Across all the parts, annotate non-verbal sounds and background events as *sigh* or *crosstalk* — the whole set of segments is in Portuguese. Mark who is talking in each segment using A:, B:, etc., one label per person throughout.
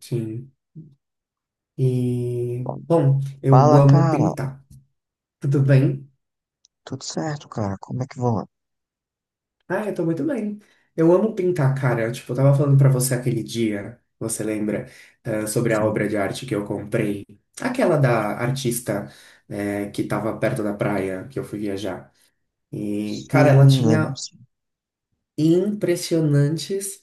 A: Sim. E, bom, eu
B: Fala,
A: amo
B: cara.
A: pintar. Tudo bem?
B: Tudo certo, cara? Como é que vão?
A: Ah, eu tô muito bem. Eu amo pintar, cara. Tipo, eu tava falando pra você aquele dia, você lembra, sobre a
B: Sim,
A: obra de arte que eu comprei? Aquela da artista, que tava perto da praia, que eu fui viajar. E, cara, ela
B: sim, lembro
A: tinha
B: sim.
A: impressionantes,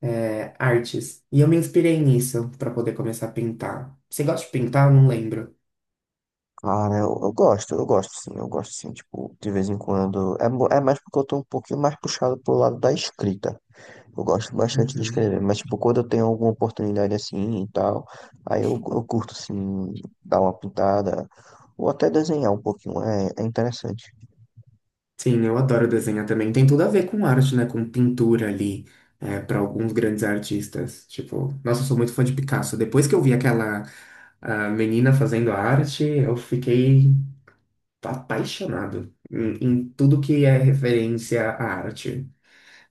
A: artes. E eu me inspirei nisso pra poder começar a pintar. Você gosta de pintar? Eu não lembro.
B: Cara, eu gosto, eu gosto sim, eu gosto sim. Tipo, de vez em quando. É, é mais porque eu tô um pouquinho mais puxado pro lado da escrita. Eu gosto bastante de
A: Uhum.
B: escrever, mas, tipo, quando eu tenho alguma oportunidade assim e tal, aí eu curto, assim, dar uma pintada, ou até desenhar um pouquinho. É, é interessante.
A: Sim, eu adoro desenhar também. Tem tudo a ver com arte, né? Com pintura ali, é, para alguns grandes artistas. Tipo, nossa, eu sou muito fã de Picasso. Depois que eu vi aquela menina fazendo arte, eu fiquei apaixonado em tudo que é referência à arte.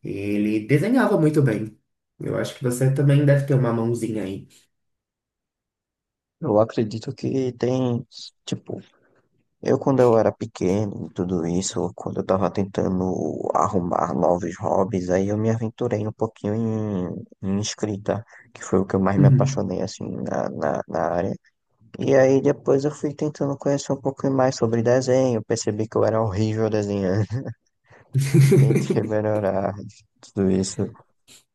A: Ele desenhava muito bem. Eu acho que você também deve ter uma mãozinha aí.
B: Eu acredito que tem, tipo, eu, quando eu era pequeno, e tudo isso, quando eu tava tentando arrumar novos hobbies, aí eu me aventurei um pouquinho em escrita, que foi o que eu mais me
A: Uhum.
B: apaixonei, assim, na área. E aí depois eu fui tentando conhecer um pouco mais sobre desenho, percebi que eu era horrível desenhando, *laughs* e tentei
A: *laughs*
B: melhorar tudo isso.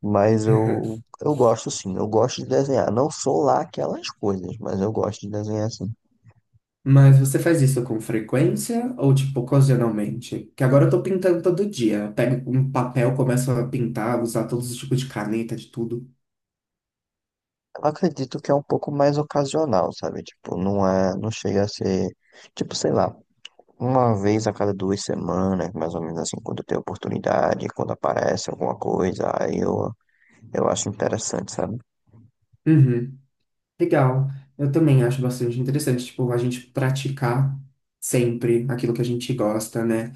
B: Mas eu gosto, sim, eu gosto de desenhar. Não sou lá aquelas coisas, mas eu gosto de desenhar, sim.
A: Mas você faz isso com frequência ou tipo ocasionalmente? Que agora eu tô pintando todo dia. Eu pego um papel, começo a pintar, usar todos os tipos de caneta, de tudo.
B: Eu acredito que é um pouco mais ocasional, sabe? Tipo, não é, não chega a ser, tipo, sei lá, uma vez a cada duas semanas, mais ou menos assim, quando eu tenho oportunidade, quando aparece alguma coisa, aí eu acho interessante, sabe?
A: Uhum. Legal. Eu também acho bastante interessante, tipo, a gente praticar sempre aquilo que a gente gosta, né?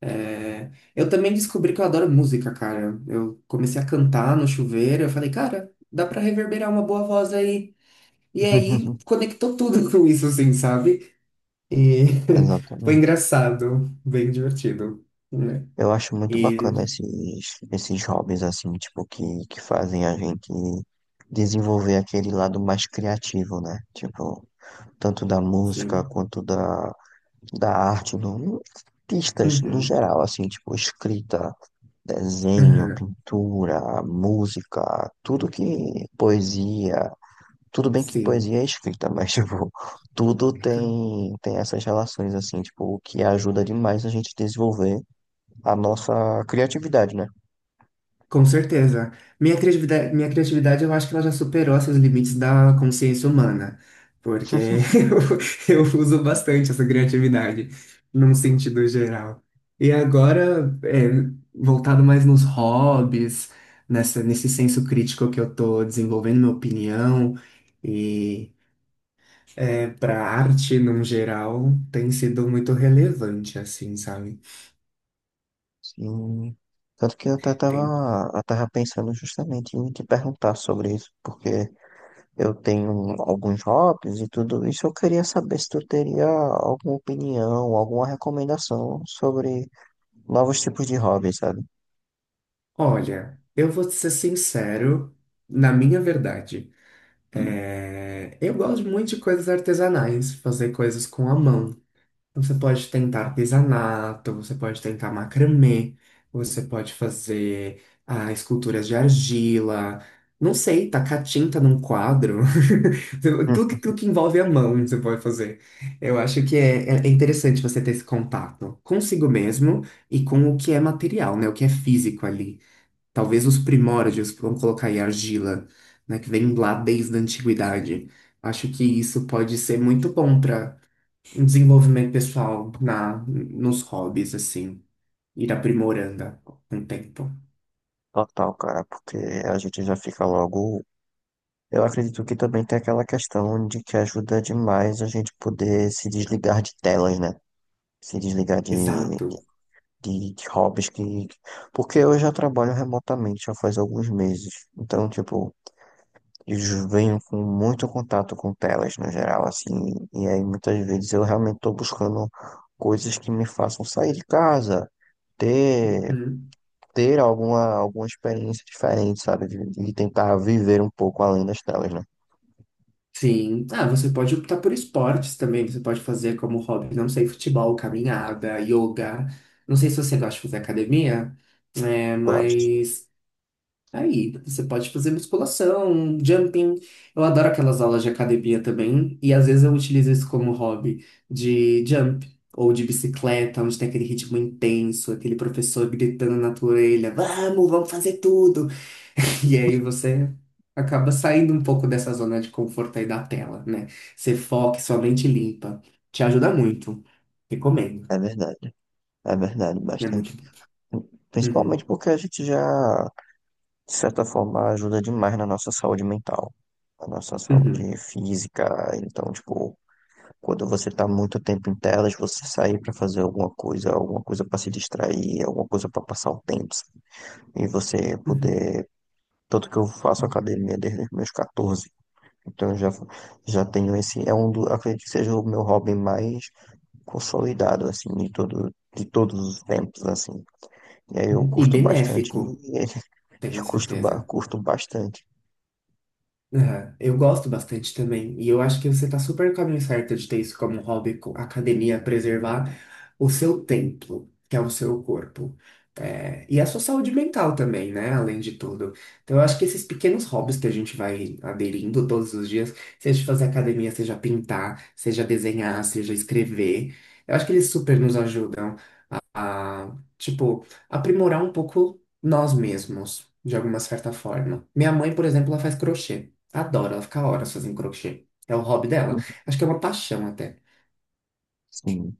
A: É, eu também descobri que eu adoro música, cara. Eu comecei a cantar no chuveiro, eu falei, cara, dá pra reverberar uma boa voz aí. E aí
B: *laughs*
A: conectou tudo *laughs* com isso, assim, sabe? E *laughs* foi
B: Exatamente.
A: engraçado, bem divertido, né?
B: Eu acho muito bacana
A: E
B: esses hobbies assim, tipo, que fazem a gente desenvolver aquele lado mais criativo, né? Tipo, tanto da música
A: sim.
B: quanto da, da arte, no, artistas no
A: Uhum.
B: geral, assim, tipo, escrita, desenho,
A: Aham.
B: pintura, música, tudo que poesia, tudo bem que
A: Sim.
B: poesia é escrita, mas *laughs* tipo, tudo tem essas relações assim, tipo, o que ajuda demais a gente desenvolver a nossa criatividade, né?
A: Com certeza. Minha criatividade, eu acho que ela já superou esses limites da consciência humana, porque *laughs* eu uso bastante essa criatividade, num sentido geral. E agora, é, voltado mais nos hobbies, nesse senso crítico que eu tô desenvolvendo, minha opinião, é, para arte, num geral, tem sido muito relevante, assim, sabe?
B: Sim. Tanto que eu até
A: Tem...
B: tava, eu tava pensando justamente em te perguntar sobre isso, porque eu tenho alguns hobbies e tudo isso. Eu queria saber se tu teria alguma opinião, alguma recomendação sobre novos tipos de hobbies, sabe?
A: Olha, eu vou ser sincero, na minha verdade, é, eu gosto muito de coisas artesanais, fazer coisas com a mão. Então, você pode tentar artesanato, você pode tentar macramê, você pode fazer esculturas de argila, não sei, tacar tinta num quadro. *laughs* Tudo que,
B: Uhum.
A: tudo que envolve a mão você pode fazer. Eu acho que é interessante você ter esse contato consigo mesmo e com o que é material, né? O que é físico ali. Talvez os primórdios, vamos colocar aí argila, né? Que vem lá desde a antiguidade. Acho que isso pode ser muito bom para um desenvolvimento pessoal nos hobbies, assim, ir aprimorando com o tempo.
B: Total, cara, porque a gente já fica logo. Eu acredito que também tem aquela questão de que ajuda demais a gente poder se desligar de telas, né? Se desligar de, de
A: Exato.
B: de, de hobbies que. Porque eu já trabalho remotamente já faz alguns meses. Então, tipo, eu venho com muito contato com telas no geral, assim. E aí muitas vezes eu realmente estou buscando coisas que me façam sair de casa, ter,
A: Uhum.
B: ter alguma, alguma experiência diferente, sabe? E tentar viver um pouco além das telas, né?
A: Sim. Ah, você pode optar por esportes também, você pode fazer como hobby, não sei, futebol, caminhada, yoga. Não sei se você gosta de fazer academia, né,
B: Gosto.
A: mas aí, você pode fazer musculação, jumping. Eu adoro aquelas aulas de academia também. E às vezes eu utilizo isso como hobby de jump ou de bicicleta, onde tem aquele ritmo intenso, aquele professor gritando na tua orelha: Vamos, vamos fazer tudo. *laughs* E aí você acaba saindo um pouco dessa zona de conforto aí da tela, né? Você foca, e sua mente limpa. Te ajuda muito. Recomendo.
B: É verdade, é verdade,
A: É
B: bastante.
A: muito bom.
B: Principalmente
A: Uhum,
B: porque a gente já de certa forma, ajuda demais na nossa saúde mental, na nossa
A: uhum,
B: saúde física. Então, tipo, quando você tá muito tempo em telas, você sair pra fazer alguma coisa pra se distrair, alguma coisa pra passar o tempo, sabe? E você
A: uhum,
B: poder. Tanto que eu faço academia desde os meus 14. Então, eu já, já tenho esse. É um do, acredito que seja o meu hobby mais consolidado, assim, de todo, de todos os tempos, assim. E aí eu
A: uhum. E
B: curto bastante,
A: benéfico,
B: *laughs* e,
A: tenho
B: curto,
A: certeza.
B: curto bastante.
A: Aham. Eu gosto bastante também, e eu acho que você tá super no caminho certo de ter isso como um hobby, academia, preservar o seu templo, que é o seu corpo, é, e a sua saúde mental também, né? Além de tudo. Então, eu acho que esses pequenos hobbies que a gente vai aderindo todos os dias, seja fazer academia, seja pintar, seja desenhar, seja escrever, eu acho que eles super nos ajudam a, tipo, aprimorar um pouco nós mesmos, de alguma certa forma. Minha mãe, por exemplo, ela faz crochê. Adora, ela fica horas fazendo crochê. É o hobby dela. Acho que é uma paixão até.
B: Sim.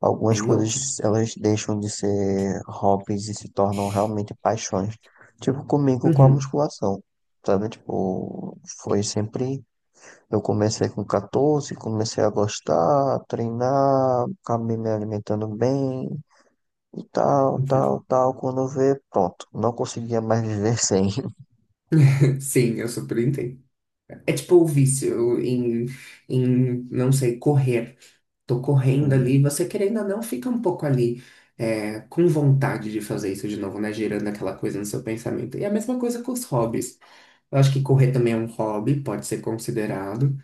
B: Algumas
A: Bem louca.
B: coisas elas deixam de ser hobbies e se tornam realmente paixões. Tipo comigo com a
A: Uhum.
B: musculação, sabe? Tipo, foi sempre. Eu comecei com 14, comecei a gostar, treinar, acabei me alimentando bem e tal, tal,
A: *laughs*
B: tal. Quando eu vê, pronto, não conseguia mais viver sem.
A: Sim, eu super entendo. É tipo o vício em, não sei, correr. Tô
B: *laughs*
A: correndo
B: Sim,
A: ali, você querendo ou não, fica um pouco ali com vontade de fazer isso de novo, né? Gerando aquela coisa no seu pensamento. E é a mesma coisa com os hobbies. Eu acho que correr também é um hobby, pode ser considerado.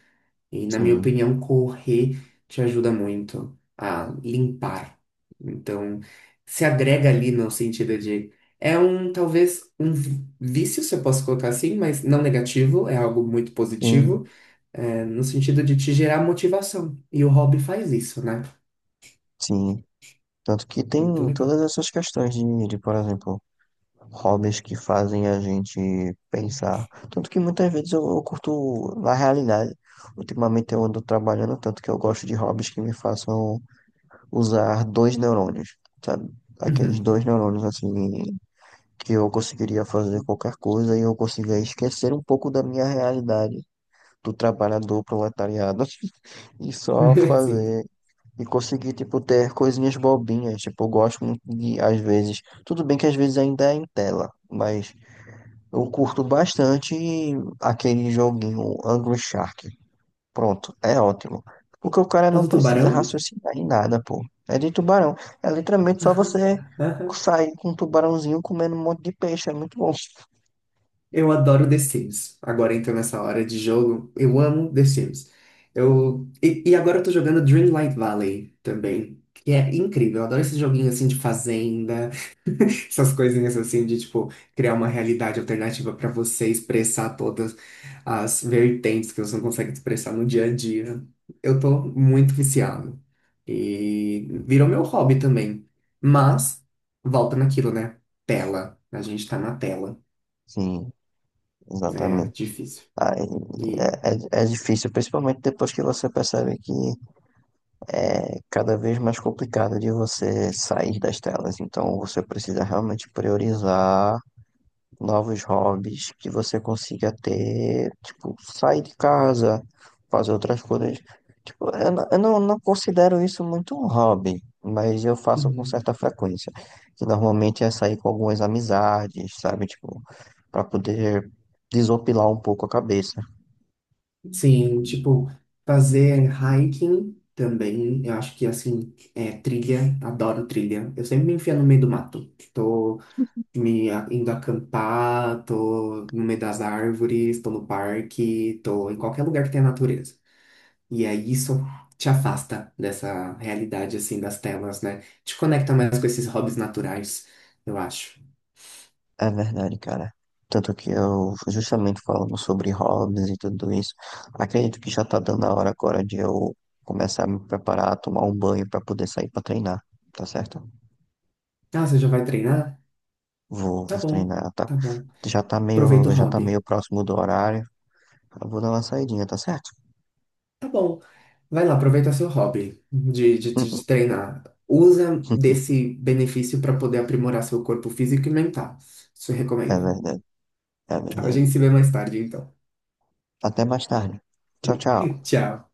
A: E, na minha
B: sim,
A: opinião, correr te ajuda muito a limpar. Então, se agrega ali no sentido de. É um, talvez, um vício, se eu posso colocar assim, mas não negativo, é algo muito
B: sim.
A: positivo, é, no sentido de te gerar motivação. E o hobby faz isso, né?
B: Sim. Tanto que tem
A: Muito legal.
B: todas essas questões de, por exemplo, hobbies que fazem a gente pensar. Tanto que muitas vezes eu curto, na realidade, ultimamente eu ando trabalhando tanto que eu gosto de hobbies que me façam usar dois neurônios, sabe? Aqueles
A: Uhum.
B: dois neurônios assim que eu conseguiria fazer qualquer coisa e eu consiga esquecer um pouco da minha realidade do trabalhador proletariado *laughs* e só
A: *laughs* Sim.
B: fazer e conseguir, tipo, ter coisinhas bobinhas. Tipo, eu gosto muito de, às vezes, tudo bem que às vezes ainda é em tela, mas eu curto bastante aquele joguinho Angry Shark. Pronto, é ótimo. Porque o cara
A: Tal
B: não
A: do
B: precisa
A: tubarão?
B: raciocinar em nada, pô. É de tubarão. É literalmente só
A: Aham,
B: você
A: aham.
B: sair com um tubarãozinho comendo um monte de peixe. É muito bom.
A: Eu adoro The Sims. Agora então nessa hora de jogo, eu amo The Sims. Eu... E agora eu tô jogando Dreamlight Valley também, que é incrível. Eu adoro esse joguinho assim de fazenda. Essas coisinhas assim de tipo criar uma realidade alternativa pra você expressar todas as vertentes que você não consegue expressar no dia a dia. Eu tô muito viciado. E virou meu hobby também. Mas volta naquilo, né? Tela. A gente tá na tela.
B: Sim,
A: É
B: exatamente.
A: difícil.
B: Aí,
A: E.
B: é difícil, principalmente depois que você percebe que é cada vez mais complicado de você sair das telas. Então você precisa realmente priorizar novos hobbies que você consiga ter, tipo, sair de casa, fazer outras coisas. Tipo, eu, eu não, não considero isso muito um hobby, mas eu faço com
A: Uhum.
B: certa frequência. Que normalmente é sair com algumas amizades, sabe? Tipo, para poder desopilar um pouco a cabeça.
A: Sim, tipo, fazer hiking também, eu acho que assim, é trilha, adoro trilha. Eu sempre me enfio no meio do mato. Tô indo acampar, tô no meio das árvores, tô no parque, tô em qualquer lugar que tenha natureza. E é isso te afasta dessa realidade assim das telas, né? Te conecta mais com esses hobbies naturais, eu acho.
B: É verdade, cara. Tanto que eu justamente falando sobre hobbies e tudo isso, acredito que já tá dando a hora agora de eu começar a me preparar, tomar um banho pra poder sair pra treinar, tá certo?
A: Ah, você já vai treinar?
B: Vou,
A: Tá
B: vou
A: bom,
B: treinar, tá?
A: tá bom. Aproveita o
B: Já tá meio
A: hobby.
B: próximo do horário. Eu vou dar uma saidinha, tá certo?
A: Tá bom, vai lá, aproveita seu hobby de
B: *laughs*
A: treinar. Usa desse benefício para poder aprimorar seu corpo físico e mental. Isso eu
B: É
A: recomendo.
B: verdade, é
A: A
B: verdade.
A: gente se vê mais tarde, então.
B: Até mais tarde. Tchau, tchau.
A: Tchau.